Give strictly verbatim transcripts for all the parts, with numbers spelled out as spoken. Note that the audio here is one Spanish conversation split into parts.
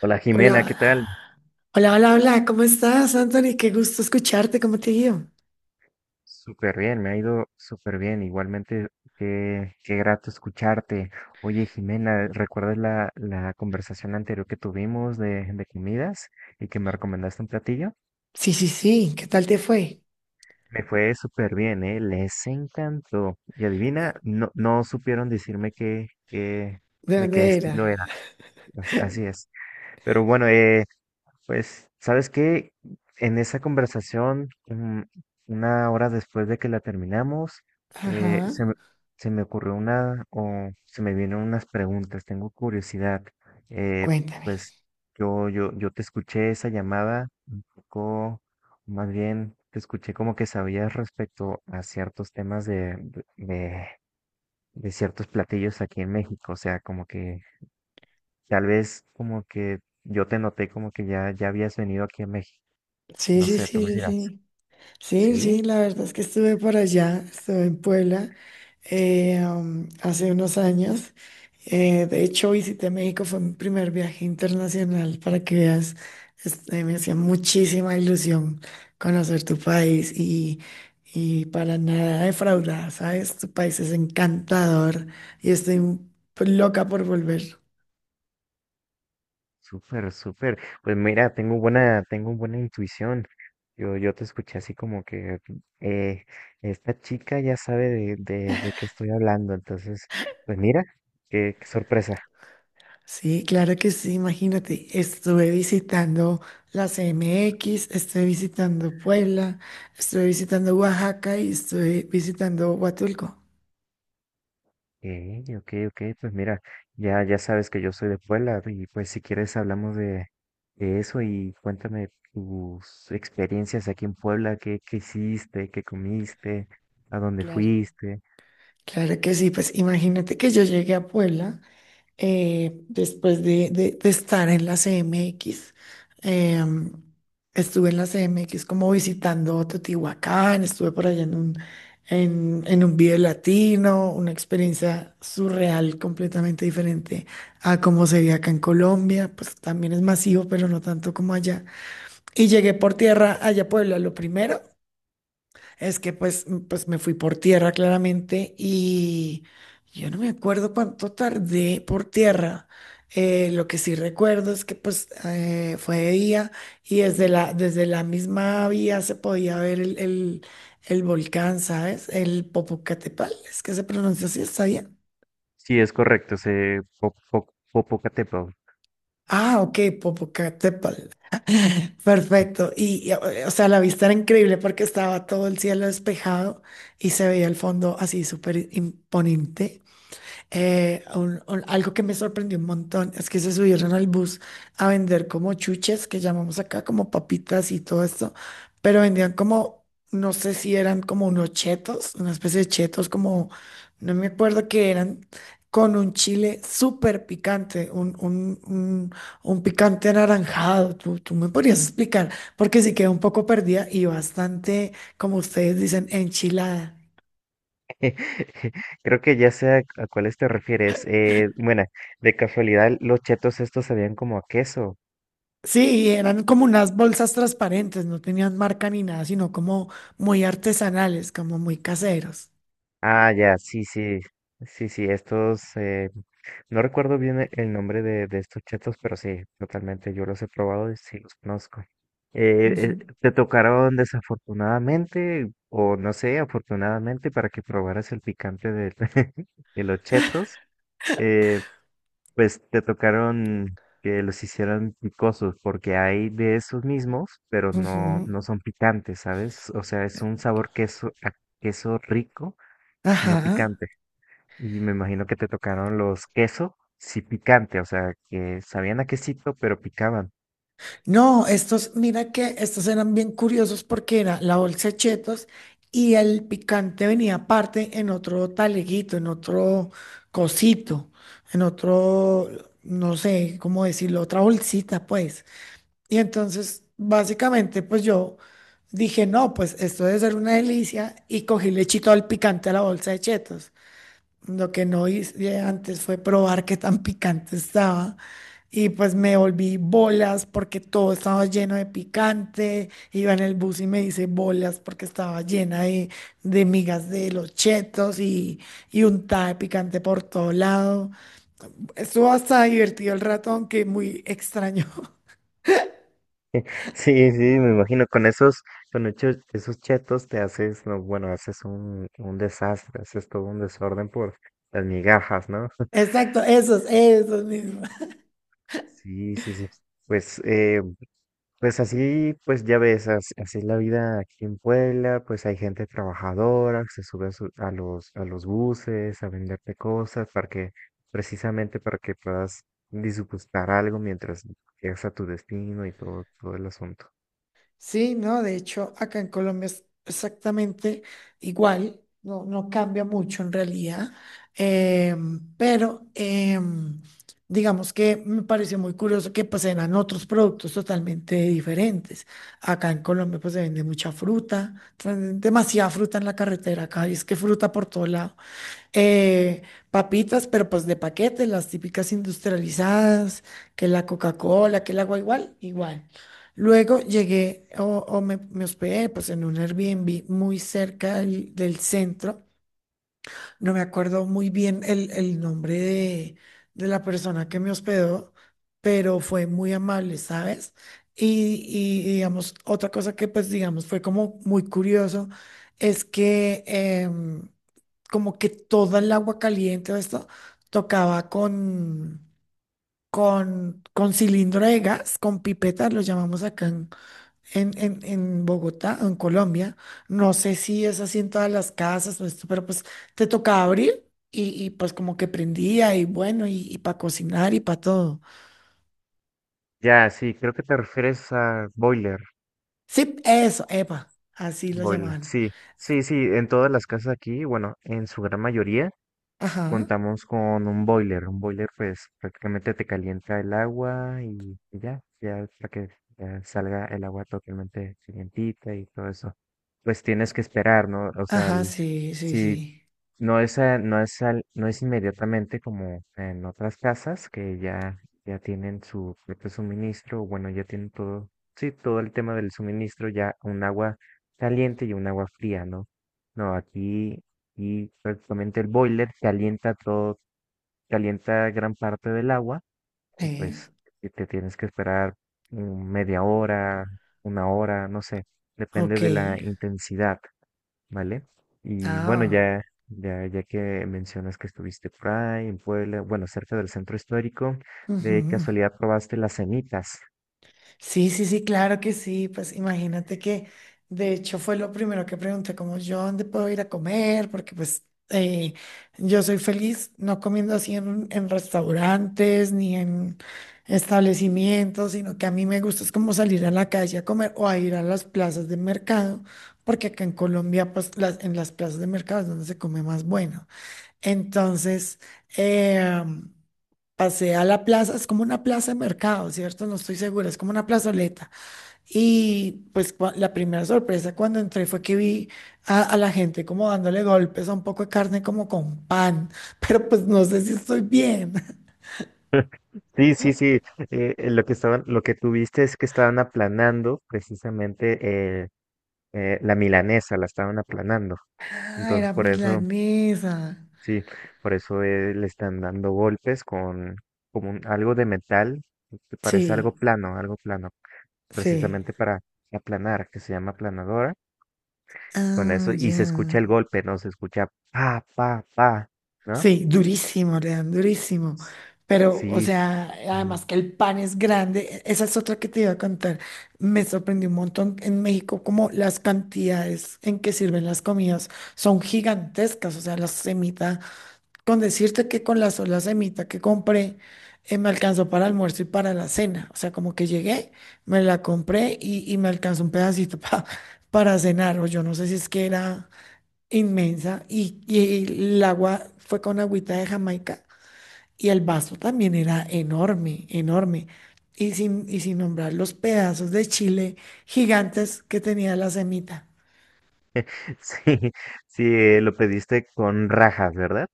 Hola Jimena, ¿qué tal? Hola, hola, hola, hola, ¿cómo estás, Anthony? Qué gusto escucharte, ¿cómo te digo? Súper bien, me ha ido súper bien. Igualmente, qué, qué grato escucharte. Oye Jimena, ¿recuerdas la, la conversación anterior que tuvimos de, de comidas y que me recomendaste un platillo? Sí, sí, sí, ¿qué tal te fue? Me fue súper bien, ¿eh? Les encantó. Y adivina, no, no supieron decirme qué, qué, ¿De de qué dónde era? estilo era. As- Así es. Pero bueno, eh, pues, ¿sabes qué? En esa conversación, mm, una hora después de que la terminamos, eh, Ajá, se me, se me ocurrió una, o se me vienen unas preguntas, tengo curiosidad. Eh, cuéntame. pues yo, yo, yo te escuché esa llamada, poco, más bien te escuché como que sabías respecto a ciertos temas de, de, de ciertos platillos aquí en México. O sea, como que tal vez como que yo te noté como que ya, ya habías venido aquí a México. Sí, No sí, sé, tú me sí, sí, dirás. sí. Sí, Sí, sí, la verdad es que estuve por allá, estuve en Puebla eh, am, hace unos años. Eh, de hecho, visité México, fue mi primer viaje internacional para que veas. Este, me hacía muchísima ilusión conocer tu país y, y para nada defraudada, ¿sabes? Tu país es encantador y estoy loca por volver. súper, súper. Pues mira, tengo buena, tengo buena intuición. Yo, yo te escuché así como que eh, esta chica ya sabe de, de, de qué estoy hablando. Entonces, pues mira, qué, qué sorpresa. Sí, claro que sí, imagínate, estuve visitando la X, estuve visitando Puebla, estuve visitando Oaxaca y estuve visitando Huatulco. Eh, ok, ok, pues mira, ya, ya sabes que yo soy de Puebla y pues si quieres hablamos de, de eso y cuéntame tus experiencias aquí en Puebla, qué, qué hiciste, qué comiste, a dónde Claro. fuiste. Claro que sí, pues imagínate que yo llegué a Puebla eh, después de, de- de estar en la C M X. em, Estuve en la C M X como visitando Teotihuacán, estuve por allá en un, en, en un video latino, una experiencia surreal completamente diferente a como se ve acá en Colombia, pues también es masivo, pero no tanto como allá. Y llegué por tierra allá a Puebla, lo primero. Es que pues, m- pues me fui por tierra claramente y yo no me acuerdo cuánto tardé por tierra. Eh, lo que sí recuerdo es que pues eh, fue de día y desde la, desde la misma vía se podía ver el, el, el volcán, ¿sabes? El Popocatépetl, es que se pronuncia así, ¿está bien? Sí, es correcto, se po- po- Popocatépetl. Ah, ok, Popocatépetl. Perfecto. Y, y, o sea, la vista era increíble porque estaba todo el cielo despejado y se veía el fondo así súper imponente. Eh, un- un- algo que me sorprendió un montón es que se subieron al bus a vender como chuches, que llamamos acá como papitas y todo esto, pero vendían como, no sé si eran como unos chetos, una especie de chetos, como, no me acuerdo qué eran, con un chile súper picante, un, un, un, un picante anaranjado. ¿Tú, tú me podrías explicar? Porque sí quedé un poco perdida y bastante, como ustedes dicen, enchilada. Creo que ya sé a, a cuáles te refieres. Eh, bueno, de casualidad, los chetos estos sabían como a queso. Sí, eran como unas bolsas transparentes, no tenían marca ni nada, sino como muy artesanales, como muy caseros. Ah, ya, sí, sí, sí, sí, estos, eh, no recuerdo bien e- el nombre de, de estos chetos, pero sí, totalmente, yo los he probado y sí los conozco. Eh, Ujú. Eh, ¿te tocaron desafortunadamente o no sé, afortunadamente para que probaras el picante de, de los chetos? Eh, Pues te tocaron que los hicieran picosos, porque hay de esos mismos, pero no, Ujú, no son picantes, ¿sabes? O sea, es un sabor queso, a queso rico, no ajá. picante. Y me imagino que te tocaron los queso, sí picante, o sea, que sabían a quesito, pero picaban. No, estos, mira que estos eran bien curiosos porque era la bolsa de chetos y el picante venía aparte en otro taleguito, en otro cosito, en otro, no sé cómo decirlo, otra bolsita, pues. Y entonces, básicamente, pues yo dije, no, pues esto debe ser una delicia y cogí lechito al picante a la bolsa de chetos. Lo que no hice antes fue probar qué tan picante estaba. Y pues me volví bolas porque todo estaba lleno de picante. Iba en el bus y me hice bolas porque estaba llena de, de migas de los chetos y, y untada de picante por todo lado. Estuvo hasta divertido el rato, aunque muy extraño. Sí, sí, me imagino, con esos, con esos, esos chetos te haces, no, bueno, haces un, un desastre, haces todo un desorden por las migajas, ¿no? Exacto, esos, esos mismos. Sí, sí, sí. Pues, eh, pues así, pues ya ves, as- así es la vida aquí en Puebla, pues hay gente trabajadora que se sube a, su- a los, a los buses a venderte cosas para que, precisamente para que puedas disgustar algo mientras llegas a tu destino y todo, todo el asunto. Sí, no, de hecho, acá en Colombia es exactamente igual, no, no cambia mucho en realidad, em, pero em, digamos que me pareció muy curioso que pues eran otros productos totalmente diferentes. Acá en Colombia pues se vende mucha fruta, venden demasiada fruta en la carretera acá, y es que fruta por todos lados. eh, Papitas, pero pues de paquete, las típicas industrializadas, que la Coca-Cola, que el agua igual, igual. Luego llegué o, o me, me hospedé pues en un Airbnb muy cerca del, del centro. No me acuerdo muy bien el, el nombre de, de la persona que me hospedó, pero fue muy amable, ¿sabes? Y, y digamos, otra cosa que pues digamos fue como muy curioso es que... em, como que toda el agua caliente o esto tocaba con, con, con cilindro de gas, con pipetas, lo llamamos acá en, en, en- en Bogotá, en Colombia. No sé si es así en todas las casas o esto, pero pues te tocaba abrir y, y, pues como que prendía y bueno, y, para cocinar y para todo. Ya, sí, creo que te refieres a Boiler. Sí, eso, epa, así lo Boiler, llamaban. sí, sí, sí, en todas las casas aquí, bueno, en su gran mayoría s- Ajá, contamos con un boiler. Un boiler pues prácticamente te calienta el agua y y ya, ya para que ya salga el agua totalmente calientita y todo eso. Pues tienes que esperar, ¿no? O sea, ajá, el- sí, sí, si sí. no es, a- no es, al- no es inmediatamente como en otras casas que ya, ya tienen su propio suministro, o bueno, ya tienen todo, sí, todo el tema del suministro, ya un agua caliente y un agua fría, ¿no? No, aquí, y prácticamente el boiler calienta todo, calienta gran parte del agua y Eh, pues y te tienes que esperar mm, media hora, una hora, no sé, depende ok. de la intensidad, ¿vale? Y bueno, Ah. ya, ya, ya que mencionas que estuviste por ahí, en Puebla, bueno, cerca del centro histórico, de Ujú. casualidad probaste las semitas. Sí, sí, sí, claro que sí. Pues imagínate que de hecho fue lo primero que pregunté, como yo dónde puedo ir a comer, porque pues eh, yo soy feliz no comiendo así en, en restaurantes ni en establecimientos, sino que a mí me gusta es como salir a la calle a comer o a ir a las plazas de mercado, porque acá en Colombia pues las, en las plazas de mercado es donde se come más bueno. Entonces, em, pasé a la plaza, es como una plaza de mercado, ¿cierto? No estoy segura, es como una plazoleta. Y pues cua- la primera sorpresa cuando entré fue que vi a, a la gente como dándole golpes a un poco de carne como con pan, pero pues no sé si estoy bien. Sí, sí, sí. Eh, eh, lo que estaban, lo que tuviste es que estaban aplanando precisamente eh, eh, la milanesa, la estaban aplanando. Ah, Entonces, era por eso milanesa. sí, por eso eh, le están dando golpes con como un- algo de metal, que parece algo Sí, plano, algo plano, sí. precisamente para aplanar, que se llama aplanadora. Con eso, Ah, y ya. se escucha el golpe, ¿no? Se escucha pa, pa, pa, ¿no? Sí, durísimo, le dan durísimo. S- Pero, o Sí, sí. sea, Mm. además que el pan es grande, e- esa es otra que te iba a contar. Me sorprendió un montón en México como las cantidades en que sirven las comidas son gigantescas. O sea, la semita, con decirte que con la sola semita que compré, eh, me alcanzó para almuerzo y para la cena. O sea, como que llegué, me la compré y, y me alcanzó un pedacito pa- para cenar. O yo no sé si es que era inmensa y, y el agua fue con agüita de Jamaica y el vaso también era enorme, enorme. Y sin, y sin nombrar los pedazos de chile gigantes que tenía la semita. Sí, sí, eh, lo pediste con rajas, ¿verdad?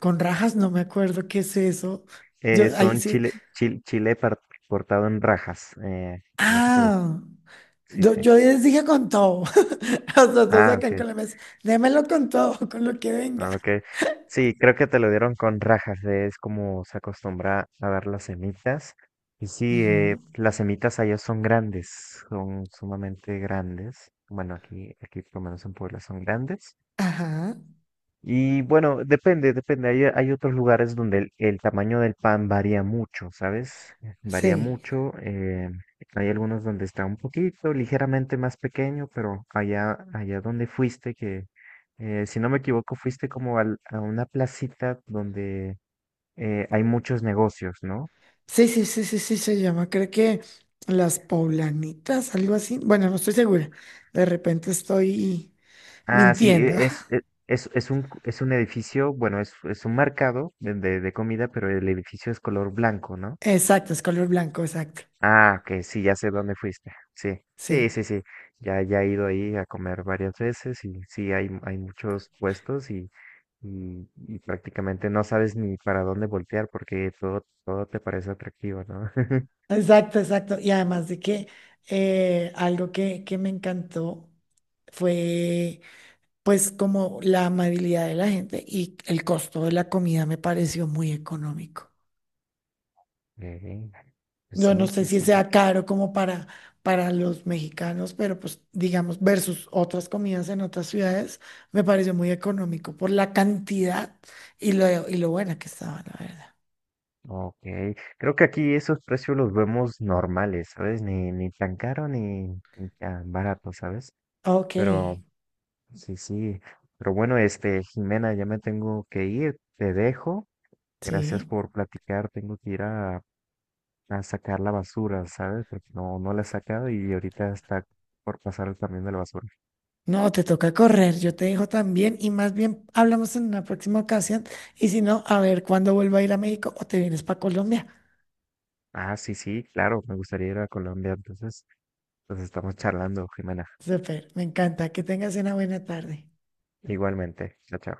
Con rajas, no me acuerdo qué es eso. Yo Eh, ahí Son sí. chile, chile, chile par- cortado en rajas, eh, en ese pedazo. Ah, Sí, yo, sí. yo les dije con todo. A los dos Ah, acá en ok. Colombia, es, démelo con todo, con lo que venga. Ah, ok. Sí, creo que te lo dieron con rajas, eh, es como se acostumbra a dar las semitas. Y sí, eh, Ujú. las semitas allá son grandes, son sumamente grandes. Bueno, aquí, aquí por lo menos en Puebla son grandes. Ajá, Y bueno, depende, depende. Hay, hay otros lugares donde el, el tamaño del pan varía mucho, ¿sabes? Varía sí. mucho. Eh, hay algunos donde está un poquito, ligeramente más pequeño, pero allá, allá donde fuiste, que eh, si no me equivoco, fuiste como al- a una placita donde eh, hay muchos negocios, ¿no? Sí, sí, sí, sí, sí, se llama, creo que las poblanitas, algo así. Bueno, no estoy segura. De repente estoy Ah, sí, mintiendo. e- es, e- es, es un, es un edificio, bueno, es, es un mercado de, de de comida, pero el edificio es color blanco, ¿no? Exacto, es color blanco, exacto. Ah, que sí, ya sé dónde fuiste. Sí, sí, Sí, sí, sí. Ya, ya he ido ahí a comer varias veces y sí, hay, hay muchos puestos y, y, y prácticamente no sabes ni para dónde voltear porque todo, todo te parece atractivo, ¿no? exacto, exacto. Y además de que eh, algo que, que me encantó fue pues como la amabilidad de la gente y el costo de la comida me pareció muy económico. Eh, pues Yo no sí, sé sí, si sí. sea caro como para, para los mexicanos, pero pues digamos, versus otras comidas en otras ciudades, me pareció muy económico por la cantidad y lo, y lo buena que estaba, la verdad. Ok. Creo que aquí esos precios los vemos normales, ¿sabes? Ni, ni tan caro ni, ni tan barato, ¿sabes? Ok, Pero sí, sí. Pero bueno, este, Jimena, ya me tengo que ir, te dejo. Gracias sí. por platicar. Tengo que ir a, a sacar la basura, ¿sabes? Porque no, no la he sacado y ahorita está por pasar el camión de la basura. No, te toca correr, yo te dejo también y más bien hablamos en una próxima ocasión y si no, a ver cuándo vuelvo a ir a México o te vienes para Colombia. Ah, sí, sí, claro, me gustaría ir a Colombia. Entonces, nos estamos charlando, Jimena. Súper, me encanta, que tengas una buena tarde. Igualmente. Chao, chao.